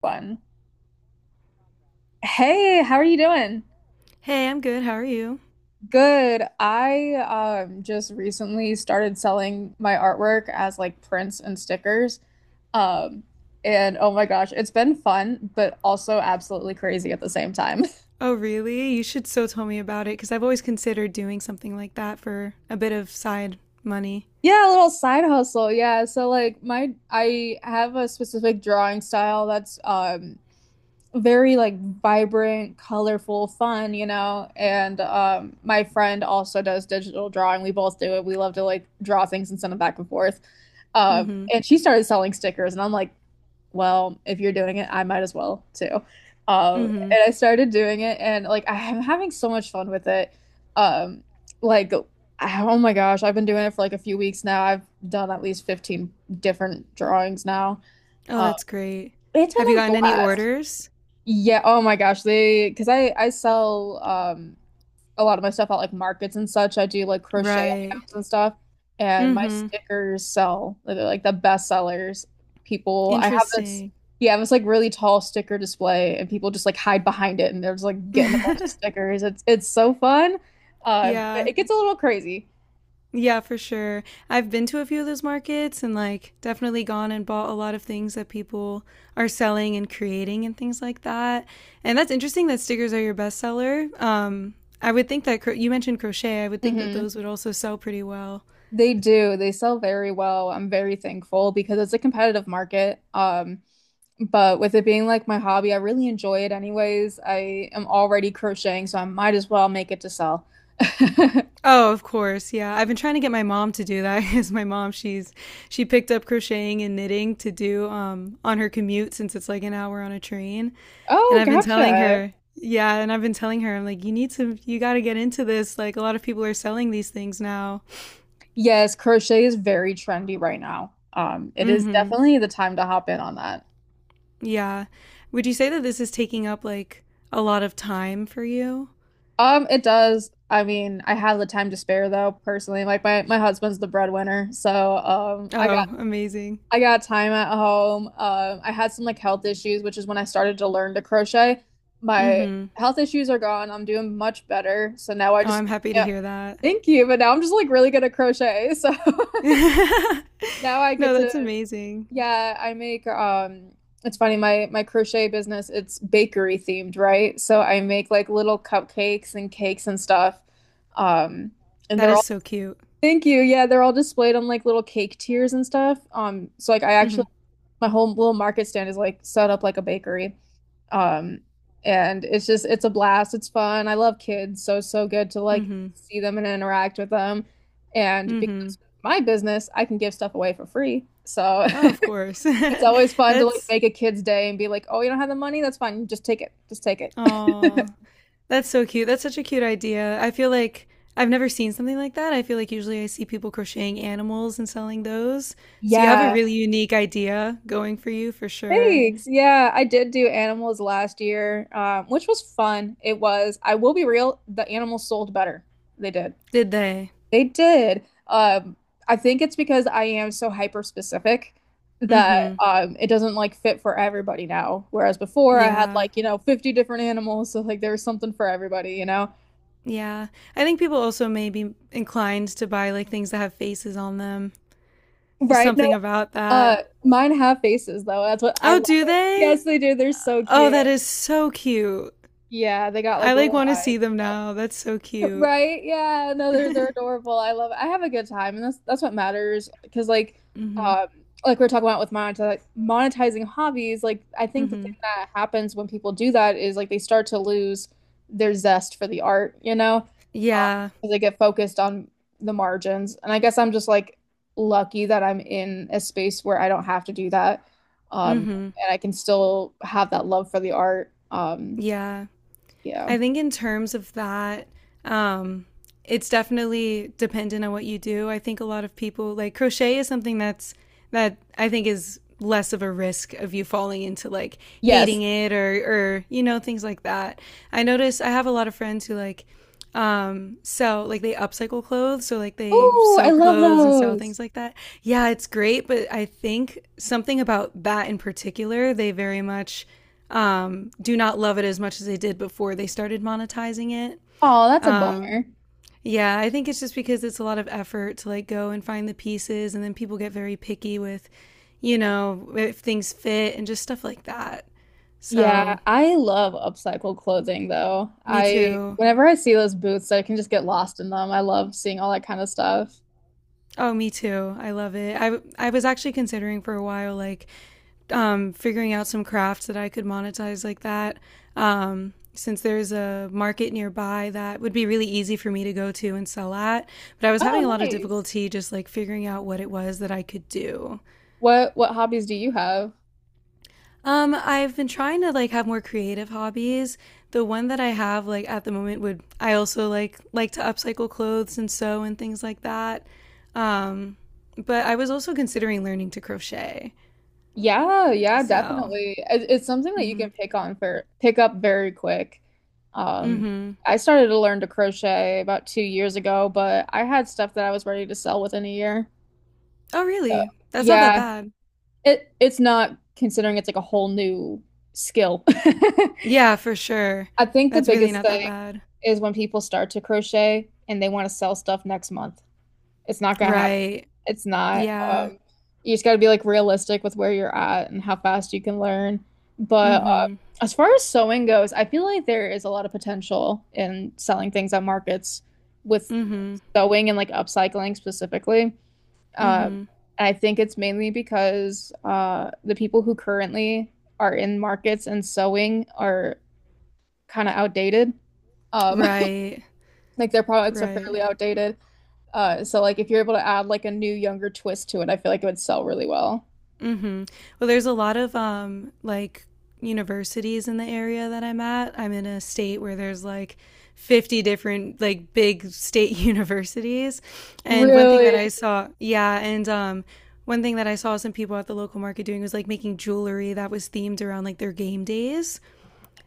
Fun. Hey, how are you doing? Hey, I'm good. How are you? Good. I just recently started selling my artwork as like prints and stickers. Um and oh my gosh, it's been fun, but also absolutely crazy at the same time. Oh, really? You should so tell me about it because I've always considered doing something like that for a bit of side money. Yeah, a little side hustle. Yeah. So like my I have a specific drawing style that's very like vibrant, colorful, fun. And my friend also does digital drawing. We both do it. We love to like draw things and send them back and forth. Mm hmm. And she started selling stickers and I'm like, well, if you're doing it, I might as well too. Mm hmm. And I started doing it and like I'm having so much fun with it. Um like oh my gosh, I've been doing it for like a few weeks now. I've done at least 15 different drawings now. Oh, Um that's great. it's Have you been a gotten any blast. orders? Yeah, oh my gosh, they because I sell a lot of my stuff at like markets and such. I do like crochet Right. items and stuff, and Mm my hmm. stickers sell. They're like the best sellers. People, I have this Interesting. Yeah, I have this like really tall sticker display, and people just like hide behind it, and they're just like getting a bunch of stickers. It's so fun, but yeah, it gets a little crazy. Yeah, for sure. I've been to a few of those markets and like definitely gone and bought a lot of things that people are selling and creating and things like that. And that's interesting that stickers are your bestseller. I would think that you mentioned crochet. I would think that Hmm. those would also sell pretty well. They do. They sell very well. I'm very thankful because it's a competitive market. But with it being like my hobby, I really enjoy it anyways. I am already crocheting, so I might as well make it to sell. Oh, of course. Yeah. I've been trying to get my mom to do that because my mom, she picked up crocheting and knitting to do, on her commute since it's like an hour on a train. And Oh, I've been telling gotcha. her, yeah, and I've been telling her, I'm like, you got to get into this. Like, a lot of people are selling these things now. Yes, crochet is very trendy right now. It Mm is hmm. definitely the time to hop in on that. Yeah. Would you say that this is taking up like a lot of time for you? It does. I mean, I have the time to spare though, personally. Like my husband's the breadwinner, so I got Oh, amazing. I got time at home. I had some like health issues, which is when I started to learn to crochet. Mm My hmm. health issues are gone. I'm doing much better. So now Oh, I'm happy to yeah, hear that. thank you. But now I'm just like really good at crochet. So now No, that's amazing. yeah, I make, it's funny, my crochet business, it's bakery themed, right? So I make like little cupcakes and cakes and stuff. Um, and That they're is all, so cute. Thank you. Yeah, they're all displayed on like little cake tiers and stuff. So like I actually Mm my whole little market stand is like set up like a bakery. Um, and it's just it's a blast. It's fun. I love kids, so it's so good to hmm. Mm like hmm. see them and interact with them. And Mm hmm. because of my business, I can give stuff away for free. So Oh, of course. it's always fun to like that's, make a kid's day and be like, "Oh, you don't have the money? That's fine. Just take it. Just take oh, it." That's so cute. That's such a cute idea. I feel like I've never seen something like that. I feel like usually I see people crocheting animals and selling those. So you have a Yeah. really unique idea going for you for sure. Thanks. Yeah, I did do animals last year, which was fun. It was. I will be real, the animals sold better. They did. Did they? They did. I think it's because I am so hyper specific that Mm-hmm. It doesn't like fit for everybody now. Whereas before I had Yeah. like, you know, 50 different animals, so like there was something for everybody, you know. Yeah. I think people also may be inclined to buy like things that have faces on them. There's Right? No, something about uh that. mine have faces though. That's what I Oh, love do it. they? Yes, they do. They're so Oh, cute. that is so cute. Yeah, they got like I like little want to eyes. see them now. That's so cute. Right? Yeah. No, they're adorable. I love it. I have a good time, and that's what matters. Because Mm-hmm. um, like we're talking about with monetizing hobbies, like I think the Mm-hmm. thing that happens when people do that is like they start to lose their zest for the art, you know. Uh, Yeah. 'cause they get focused on the margins. And I guess I'm just like lucky that I'm in a space where I don't have to do that, um, Mm-hmm. and I can still have that love for the art. Yeah. Yeah. I think in terms of that, um, it's definitely dependent on what you do. I think a lot of people like crochet is something that I think is less of a risk of you falling into like Yes. hating it, or you know, things like that. I notice I have a lot of friends who sell, like they upcycle clothes, so like they Oh, I sew love clothes and sell those. things like that. Yeah, it's great, but I think something about that in particular, they very much, do not love it as much as they did before they started monetizing it. Oh, that's a Um, bummer. yeah, I think it's just because it's a lot of effort to like go and find the pieces, and then people get very picky with, if things fit and just stuff like that. Yeah, So, I love upcycled clothing though. me I too. whenever I see those booths, I can just get lost in them. I love seeing all that kind of stuff. Oh, me too. I love it. I was actually considering for a while like figuring out some crafts that I could monetize like that. Since there's a market nearby that would be really easy for me to go to and sell at, but I was Oh, having a lot of nice. difficulty just like figuring out what it was that I could do. What hobbies do you have? I've been trying to like have more creative hobbies. The one that I have like at the moment would, I also like to upcycle clothes and sew and things like that. Um, but I was also considering learning to crochet. Yeah, yeah, So, definitely. It's something that you mm-hmm. can pick on for pick up very quick. Um, Mm-hmm. I started to learn to crochet about 2 years ago, but I had stuff that I was ready to sell within a year. Oh, So, really? That's not that yeah, bad. it's not considering it's like a whole new skill. Yeah, for sure. I think the That's really biggest not that thing bad. is when people start to crochet and they want to sell stuff next month. It's not gonna happen. Right. It's not. Yeah. You just got to be like realistic with where you're at and how fast you can learn. But Mm-hmm. as far as sewing goes, I feel like there is a lot of potential in selling things at markets with Mm-hmm. sewing and like upcycling specifically. Um, Mm-hmm. I think it's mainly because the people who currently are in markets and sewing are kind of outdated. Um, Right. Like their products are Right. fairly outdated. So like if you're able to add like a new younger twist to it, I feel like it would sell really well. Mm-hmm. Well, there's a lot of like universities in the area that I'm at. I'm in a state where there's like 50 different like big state universities. And Really? One thing that I saw some people at the local market doing was like making jewelry that was themed around like their game days.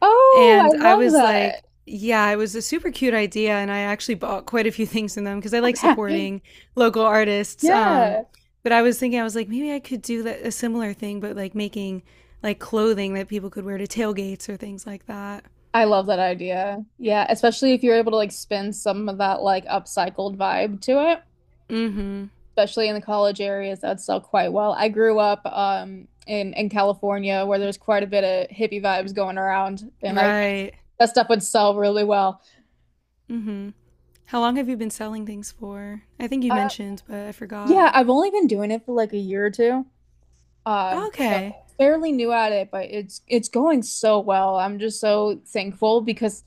Oh, And I I was love like, yeah, it was a super cute idea. And I actually bought quite a few things in them because I like that. supporting local artists. Yeah. But I was thinking, I was like, maybe I could do that, a similar thing, but like making like clothing that people could wear to tailgates or things like that. I love that idea. Yeah, especially if you're able to like spin some of that like upcycled vibe to it, Mm hmm. especially in the college areas that sell quite well. I grew up in California where there's quite a bit of hippie vibes going around and I Right. that stuff would sell really well. Mm hmm. How long have you been selling things for? I think you Uh, mentioned, but I forgot. yeah, I've only been doing it for like a year or two. So Okay. fairly new at it, but it's going so well. I'm just so thankful because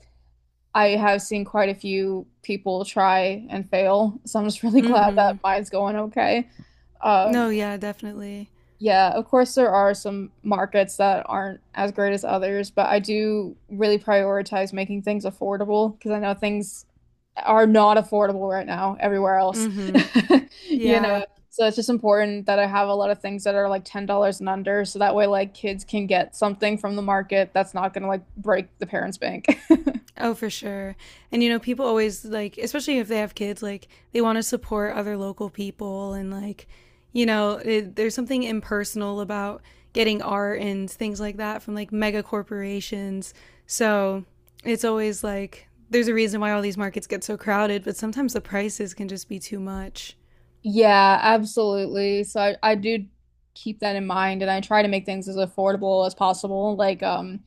I have seen quite a few people try and fail. So I'm just really Mm glad hmm. that mine's going okay. No, Um, yeah, definitely. yeah, of course, there are some markets that aren't as great as others, but I do really prioritize making things affordable because I know things are not affordable right now everywhere else. Mm hmm. You Yeah. know, so it's just important that I have a lot of things that are like $10 and under so that way like kids can get something from the market that's not going to like break the parents' bank. Oh, for sure. And people always like, especially if they have kids, like they want to support other local people and like, there's something impersonal about getting art and things like that from like mega corporations. So it's always like there's a reason why all these markets get so crowded, but sometimes the prices can just be too much. Yeah, absolutely. So I do keep that in mind and I try to make things as affordable as possible. Like,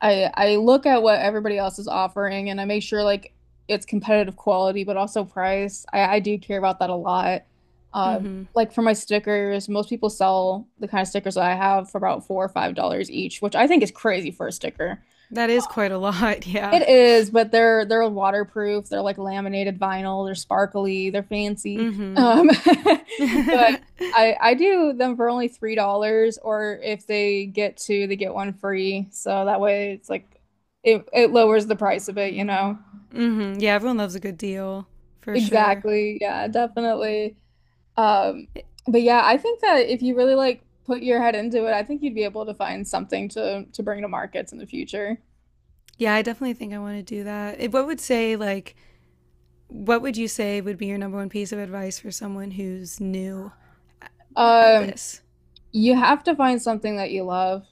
I look at what everybody else is offering and I make sure like it's competitive quality but also price. I do care about that a lot. Um, Mm-hmm. like for my stickers, most people sell the kind of stickers that I have for about $4 or $5 each, which I think is crazy for a sticker. That is quite a lot, yeah. It is, but they're waterproof. They're like laminated vinyl. They're sparkly. They're fancy. Mm-hmm. But I do them for only $3, or if they get two, they get one free. So that way, it's like it lowers the price of it, you know. mm-hmm. Yeah, everyone loves a good deal, for sure. Exactly. Yeah, definitely. Um, but yeah, I think that if you really like put your head into it, I think you'd be able to find something to bring to markets in the future. Yeah, I definitely think I want to do that. What would you say would be your number one piece of advice for someone who's new at Um, this? You have to find something that you love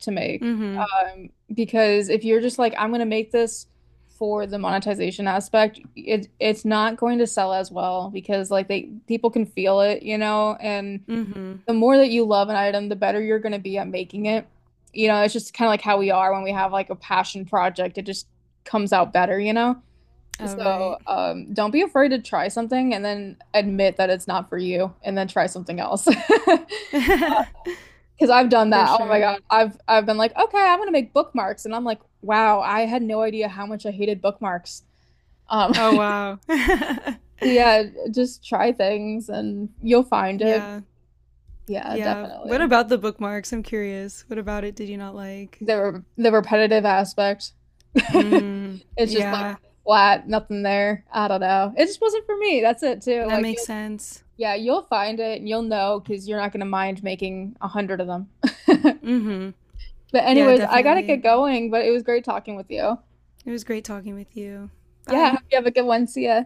to make. Hmm. Because if you're just like, I'm gonna make this for the monetization aspect, it's not going to sell as well because like they people can feel it, you know, and Hmm. the more that you love an item, the better you're gonna be at making it. You know, it's just kind of like how we are when we have like a passion project, it just comes out better, you know? Oh, So, right. Don't be afraid to try something and then admit that it's not for you and then try something else. Because I've done For that. Oh my sure. God. I've been like, okay, I'm gonna make bookmarks. And I'm like, wow, I had no idea how much I hated bookmarks. Oh, So wow. yeah, just try things and you'll find it. Yeah. Yeah, Yeah. What definitely. about the bookmarks? I'm curious. What about it did you not like? The repetitive aspect. Mm. It's just like Yeah. flat, nothing there. I don't know. It just wasn't for me. That's it too. That Like makes you'll sense. Yeah, you'll find it and you'll know because you're not gonna mind making 100 of them. Hmm. But Yeah, anyways, I gotta definitely. get going, but it was great talking with you. It was great talking with you. Yeah, hope Bye. you have a good one. See ya.